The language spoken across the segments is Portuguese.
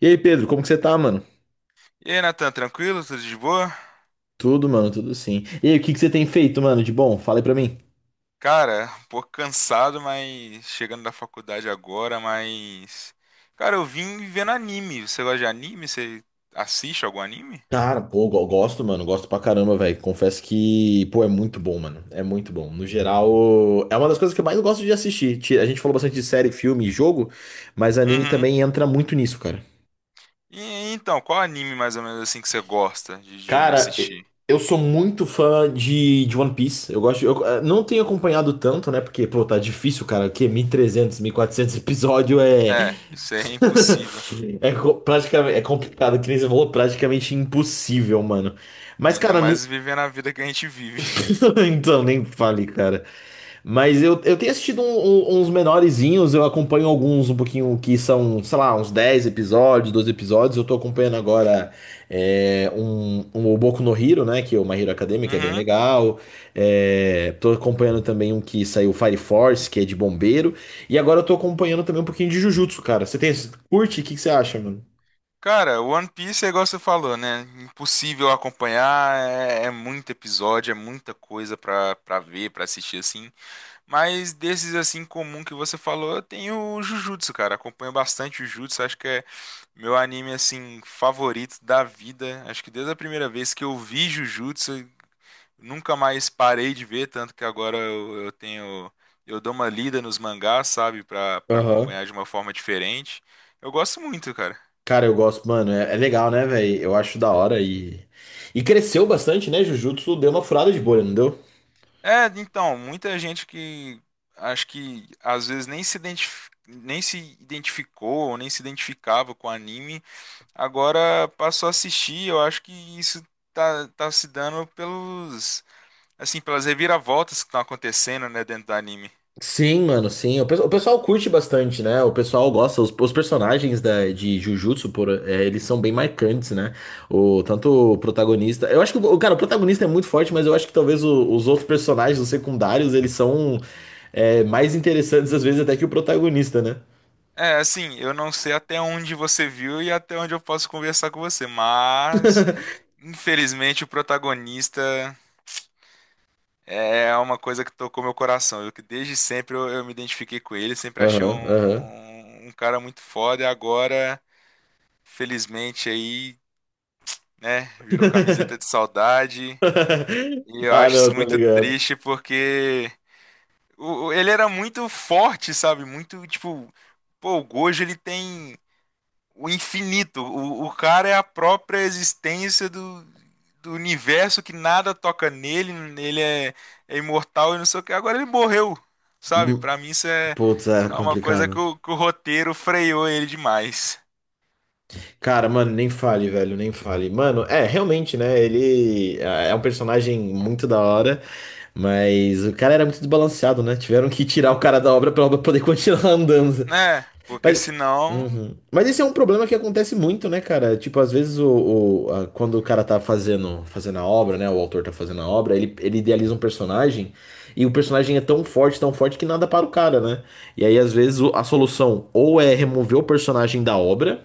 E aí, Pedro, como que você tá, mano? E aí, Nathan, tranquilo? Tudo de boa? Tudo, mano, tudo sim. E aí, o que que você tem feito, mano, de bom? Fala aí pra mim. Cara, um pouco cansado, mas chegando da faculdade agora, mas. Cara, eu vim vendo anime. Você gosta de anime? Você assiste algum anime? Cara, pô, eu gosto, mano, gosto pra caramba, velho. Confesso que, pô, é muito bom, mano. É muito bom. No geral, é uma das coisas que eu mais gosto de assistir. A gente falou bastante de série, filme e jogo, mas anime Uhum. também entra muito nisso, cara. E então, qual anime mais ou menos assim que você gosta de Cara, assistir? eu sou muito fã de One Piece. Eu gosto, eu não tenho acompanhado tanto, né? Porque, pô, tá difícil, cara. Que 1.300, 400 episódio é É, isso é impossível. Praticamente, é complicado, que nem você falou, praticamente impossível, mano. Mas, Ainda cara, não. mais vivendo a vida que a gente vive. Então, nem fale, cara. Mas eu tenho assistido uns menorezinhos, eu acompanho alguns um pouquinho que são, sei lá, uns 10 episódios, 12 episódios. Eu tô acompanhando agora o Boku no Hero, né? Que é o My Hero Academia, que é bem Uhum. legal. É, tô acompanhando também um que saiu Fire Force, que é de bombeiro. E agora eu tô acompanhando também um pouquinho de Jujutsu, cara. Você tem, curte? O que que você acha, mano? Cara, One Piece é igual você falou, né? Impossível acompanhar, é muito episódio, é muita coisa pra ver, pra assistir assim. Mas desses assim comum que você falou, eu tenho o Jujutsu, cara. Acompanho bastante o Jujutsu, acho que é meu anime assim favorito da vida. Acho que desde a primeira vez que eu vi Jujutsu, nunca mais parei de ver, tanto que agora eu tenho eu dou uma lida nos mangás, sabe, Pra para Aham. acompanhar de uma forma diferente. Eu gosto muito, cara. Cara, eu gosto, mano. É, é legal, né, velho? Eu acho da hora e. E cresceu bastante, né? Jujutsu deu uma furada de bolha, não deu? É, então, muita gente que acho que às vezes nem se identif- nem se identificou ou nem se identificava com o anime. Agora passo a assistir, eu acho que isso tá se dando pelos, assim, pelas reviravoltas que estão acontecendo, né, dentro do anime. Sim, mano, sim. O pessoal curte bastante, né? O pessoal gosta. Os personagens da, de Jujutsu, por, é, eles são bem marcantes, né? O, tanto o protagonista. Eu acho que, o cara, o protagonista é muito forte, mas eu acho que talvez os outros personagens, os secundários, eles são mais interessantes, às vezes, até que o protagonista, né? É, assim, eu não sei até onde você viu e até onde eu posso conversar com você, mas infelizmente o protagonista é uma coisa que tocou meu coração. Eu que desde sempre eu me identifiquei com ele, sempre achei Aham, aham. um cara muito foda e agora, felizmente aí, né, virou camiseta de saudade. E eu Ah, acho não, isso tá muito ligado. triste porque ele era muito forte, sabe? Muito, tipo, pô, o Gojo ele tem o infinito. O cara é a própria existência do, do universo que nada toca nele, ele é, é imortal e não sei o que. Agora ele morreu, sabe? Pra mim isso é, Putz, é é uma coisa complicado. que o roteiro freou ele demais, Cara, mano, nem fale, velho, nem fale. Mano, é, realmente, né? Ele é um personagem muito da hora, mas o cara era muito desbalanceado, né? Tiveram que tirar o cara da obra pra obra poder continuar andando. né? Porque Mas, senão. uhum. Mas esse é um problema que acontece muito, né, cara? Tipo, às vezes quando o cara tá fazendo, fazendo a obra, né? O autor tá fazendo a obra, ele idealiza um personagem e o personagem é tão forte que nada para o cara, né? E aí, às vezes, a solução ou é remover o personagem da obra,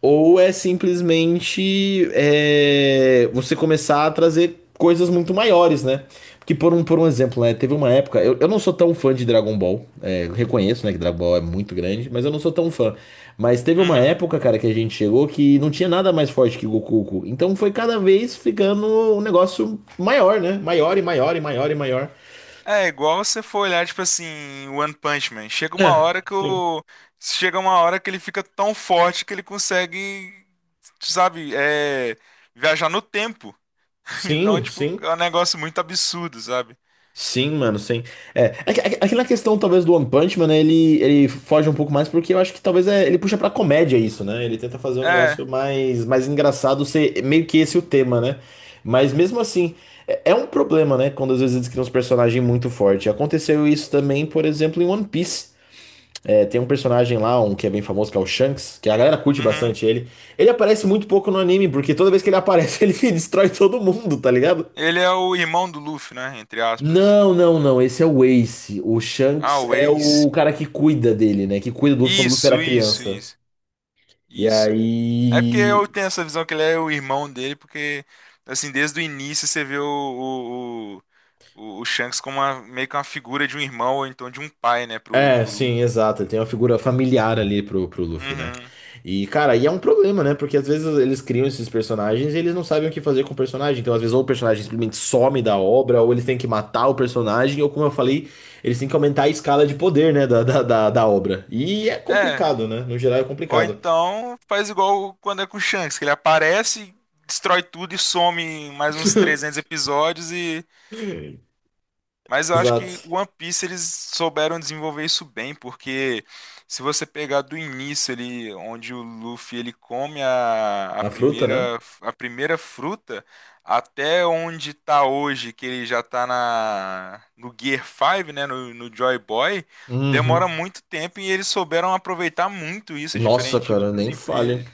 ou é simplesmente é, você começar a trazer coisas muito maiores, né? Porque por um exemplo, né? Teve uma época. Eu não sou tão fã de Dragon Ball. É, eu reconheço, né, que Dragon Ball é muito grande, mas eu não sou tão fã. Mas teve uma Uhum. época, cara, que a gente chegou que não tinha nada mais forte que Goku. Então foi cada vez ficando um negócio maior, né? Maior e maior e maior e maior. É igual você for olhar, tipo assim, One Punch Man. Chega uma É, hora que sim. o. Chega uma hora que ele fica tão forte que ele consegue, sabe, é, viajar no tempo. Então, Sim, tipo, sim. é um negócio muito absurdo, sabe? Sim, mano, sim. É, na questão talvez do One Punch Man, né, ele foge um pouco mais porque eu acho que talvez ele puxa pra comédia isso, né? Ele tenta fazer um É. negócio mais, mais engraçado, ser meio que esse o tema, né? Mas mesmo assim, é, é um problema, né? Quando às vezes eles criam uns personagens muito fortes. Aconteceu isso também, por exemplo, em One Piece. É, tem um personagem lá, um que é bem famoso, que é o Shanks, que a galera curte Uhum. bastante ele. Ele aparece muito pouco no anime, porque toda vez que ele aparece, ele destrói todo mundo, tá ligado? Ele é o irmão do Luffy, né? Entre aspas. Não, não, não. Esse é o Ace. O Ah, Shanks o é o Ace. cara que cuida dele, né? Que cuida do Luffy quando o Luffy era Isso, isso, criança. isso. E Isso. É porque eu aí. tenho essa visão que ele é o irmão dele, porque, assim, desde o início você vê o Shanks como uma, meio que uma figura de um irmão ou então de um pai, né, É, pro sim, Luffy. exato. Ele tem uma figura familiar ali pro, pro Luffy, né? Uhum. E, cara, e é um problema, né? Porque às vezes eles criam esses personagens e eles não sabem o que fazer com o personagem. Então, às vezes, ou o personagem simplesmente some da obra, ou eles têm que matar o personagem, ou, como eu falei, eles têm que aumentar a escala de poder, né? Da obra. E é É. complicado, né? No geral, é Ou complicado. então faz igual quando é com o Shanks, que ele aparece, destrói tudo e some em mais uns 300 episódios e mas eu acho que Exato. One Piece eles souberam desenvolver isso bem, porque se você pegar do início ali, onde o Luffy ele come A fruta, né? A primeira fruta, até onde tá hoje, que ele já tá na, no Gear 5, né, no, no Joy Boy, demora Uhum. muito tempo e eles souberam aproveitar muito isso, Nossa, diferente de cara, outras, nem falha.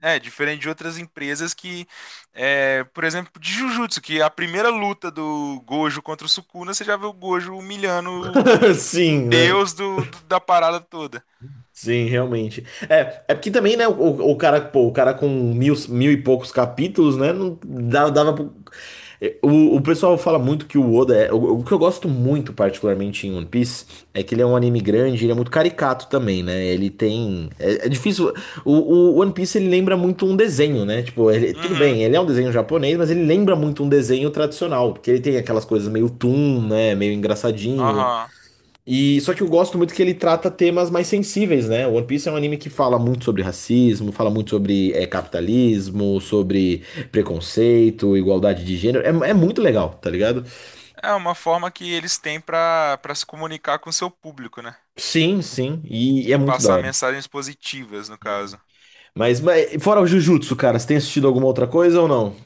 é, diferente de outras empresas que, é, por exemplo, de Jujutsu, que a primeira luta do Gojo contra o Sukuna, você já vê o Gojo humilhando o Sim, né? deus da parada toda. Sim, realmente. É, é porque também, né, o cara, pô, o cara com mil, mil e poucos capítulos, né, não dava, dava É, O, o pessoal fala muito que o Oda é. O que eu gosto muito, particularmente em One Piece, é que ele é um anime grande, ele é muito caricato também, né? Ele tem. É, é difícil. O One Piece ele lembra muito um desenho, né? Tipo, tudo Uhum, bem, ele é um desenho japonês, mas ele lembra muito um desenho tradicional, porque ele tem aquelas coisas meio toon, né? Meio engraçadinho. aham. E só que eu gosto muito que ele trata temas mais sensíveis, né? One Piece é um anime que fala muito sobre racismo, fala muito sobre capitalismo, sobre preconceito, igualdade de gênero. É, é muito legal, tá ligado? É uma forma que eles têm pra para se comunicar com o seu público, né? Sim, sim, e é E muito da passar hora. mensagens positivas, no Uhum. caso. Mas fora o Jujutsu, cara, você tem assistido alguma outra coisa ou não?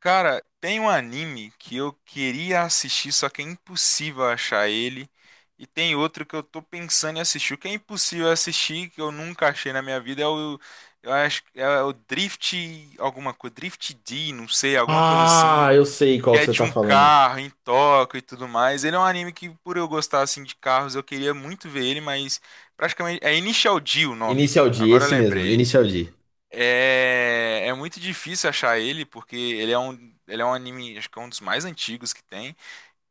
Cara, tem um anime que eu queria assistir, só que é impossível achar ele. E tem outro que eu tô pensando em assistir. O que é impossível assistir, que eu nunca achei na minha vida, é o. Eu acho que é o Drift. Alguma coisa. Drift D, não sei, alguma coisa assim. Ah, eu sei Que qual que é você de tá um falando. carro em Tóquio e tudo mais. Ele é um anime que, por eu gostar assim de carros, eu queria muito ver ele, mas praticamente. É Initial D o nome. Inicial D, Agora eu esse mesmo, lembrei. Inicial D. É, é muito difícil achar ele, porque ele é um anime, acho que é um dos mais antigos que tem.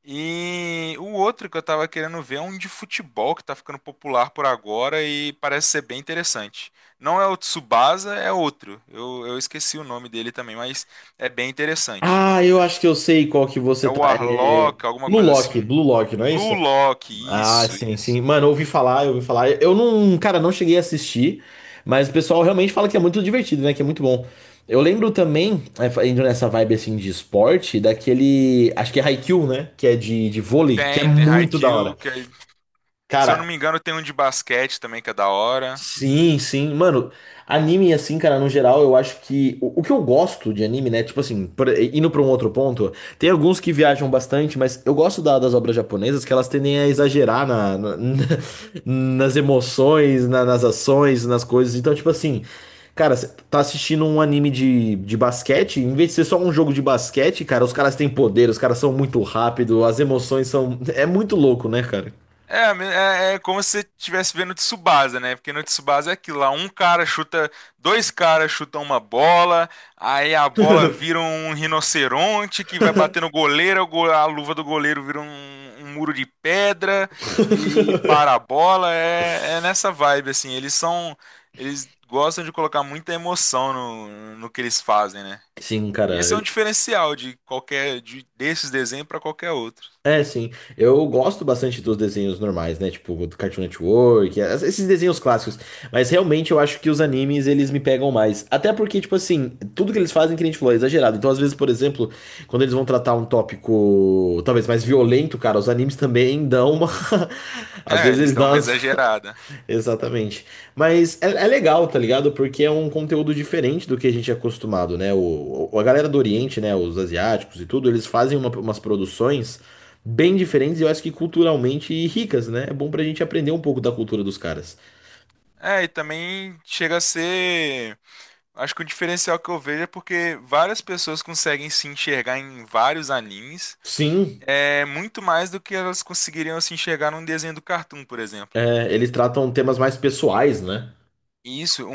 E o outro que eu tava querendo ver é um de futebol que tá ficando popular por agora e parece ser bem interessante. Não é o Tsubasa, é outro. Eu esqueci o nome dele também, mas é bem interessante. Ah, eu Acho- acho que eu sei qual que você é o tá. É... Arlock, alguma Blue coisa assim. Lock, Blue Lock, não é Blue isso? Lock, Ah, isso, sim, isso. sim. Mano, eu ouvi falar, eu ouvi falar. Eu não, cara, não cheguei a assistir, mas o pessoal realmente fala que é muito divertido, né? Que é muito bom. Eu lembro também, é, indo nessa vibe assim de esporte, daquele, acho que é Haikyuu, né? Que é de vôlei, que é Tem, tem muito da Haikyuu, hora. que é, se eu não Cara, me engano tem um de basquete também que é da hora. sim, sim. Mano, anime, assim, cara, no geral, eu acho que. O que eu gosto de anime, né? Tipo assim, indo pra um outro ponto, tem alguns que viajam bastante, mas eu gosto das obras japonesas que elas tendem a exagerar na, na- nas emoções, nas ações, nas coisas. Então, tipo assim, cara, você tá assistindo um anime de basquete, em vez de ser só um jogo de basquete, cara, os caras têm poder, os caras são muito rápidos, as emoções são. É muito louco, né, cara? É, me- é, é como se você estivesse vendo Tsubasa, né? Porque no Tsubasa é aquilo lá, um cara chuta, dois caras chutam uma bola, aí a bola vira um rinoceronte que vai bater no goleiro, o go- a luva do goleiro vira um, um muro de pedra e, para a bola. É, é nessa vibe, assim. Eles são, eles gostam de colocar muita emoção no que eles fazem, né? Sim, cara. E esse é um diferencial de qualquer, de, desses desenhos para qualquer outro. É, sim. Eu gosto bastante dos desenhos normais, né? Tipo, do Cartoon Network, esses desenhos clássicos. Mas realmente eu acho que os animes, eles me pegam mais. Até porque, tipo assim, tudo que eles fazem, que nem a gente falou, é exagerado. Então, às vezes, por exemplo, quando eles vão tratar um tópico talvez mais violento, cara, os animes também dão uma. Às É, vezes eles eles dão dão uma umas. exagerada. Exatamente. Mas é, é legal, tá ligado? Porque é um conteúdo diferente do que a gente é acostumado, né? A galera do Oriente, né? Os asiáticos e tudo, eles fazem umas produções bem diferentes e eu acho que culturalmente ricas, né? É bom pra gente aprender um pouco da cultura dos caras. É, e também chega a ser. Acho que o diferencial que eu vejo é porque várias pessoas conseguem se enxergar em vários animes, Sim, é muito mais do que elas conseguiriam se enxergar num desenho do Cartoon, por exemplo. é, eles tratam temas mais pessoais, né? E isso, um,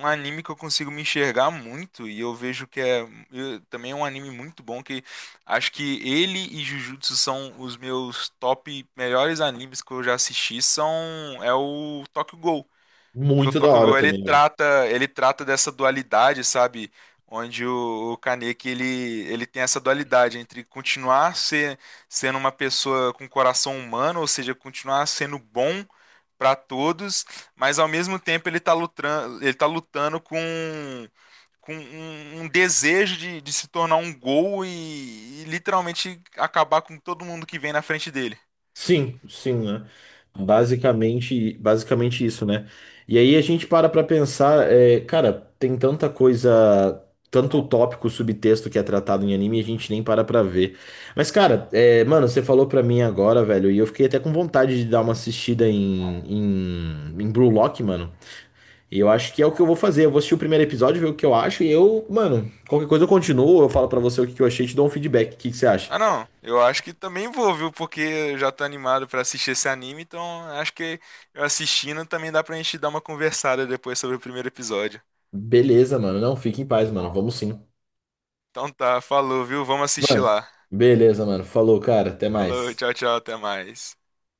um anime que eu consigo me enxergar muito, e eu vejo que é eu- também é um anime muito bom, que acho que ele e Jujutsu são os meus top melhores animes que eu já assisti, são é o Tokyo Ghoul. Que o Muito da Tokyo hora Ghoul também, velho. Ele trata dessa dualidade, sabe? Onde o Kaneki ele, ele tem essa dualidade entre continuar ser, sendo uma pessoa com coração humano, ou seja, continuar sendo bom para todos, mas ao mesmo tempo ele tá lutando com um, um desejo de se tornar um gol e literalmente acabar com todo mundo que vem na frente dele. Sim, sim, né? Basicamente, basicamente isso, né? E aí a gente para pra pensar, é, cara, tem tanta coisa, tanto tópico, subtexto que é tratado em anime e a gente nem para pra ver. Mas, cara, é, mano, você falou pra mim agora, velho, e eu fiquei até com vontade de dar uma assistida em, em, em Blue Lock, mano. E eu acho que é o que eu vou fazer. Eu vou assistir o primeiro episódio, ver o que eu acho, e eu, mano, qualquer coisa eu continuo, eu falo pra você o que que eu achei, e te dou um feedback. O que que você acha? Ah, não, eu acho que também vou, viu? Porque eu já tô animado pra assistir esse anime, então acho que eu assistindo também dá pra gente dar uma conversada depois sobre o primeiro episódio. Beleza, mano. Não, fique em paz, mano. Vamos sim. Então tá, falou, viu? Vamos assistir Mano, lá. beleza, mano. Falou, cara. Até Falou, mais. tchau, tchau, até mais.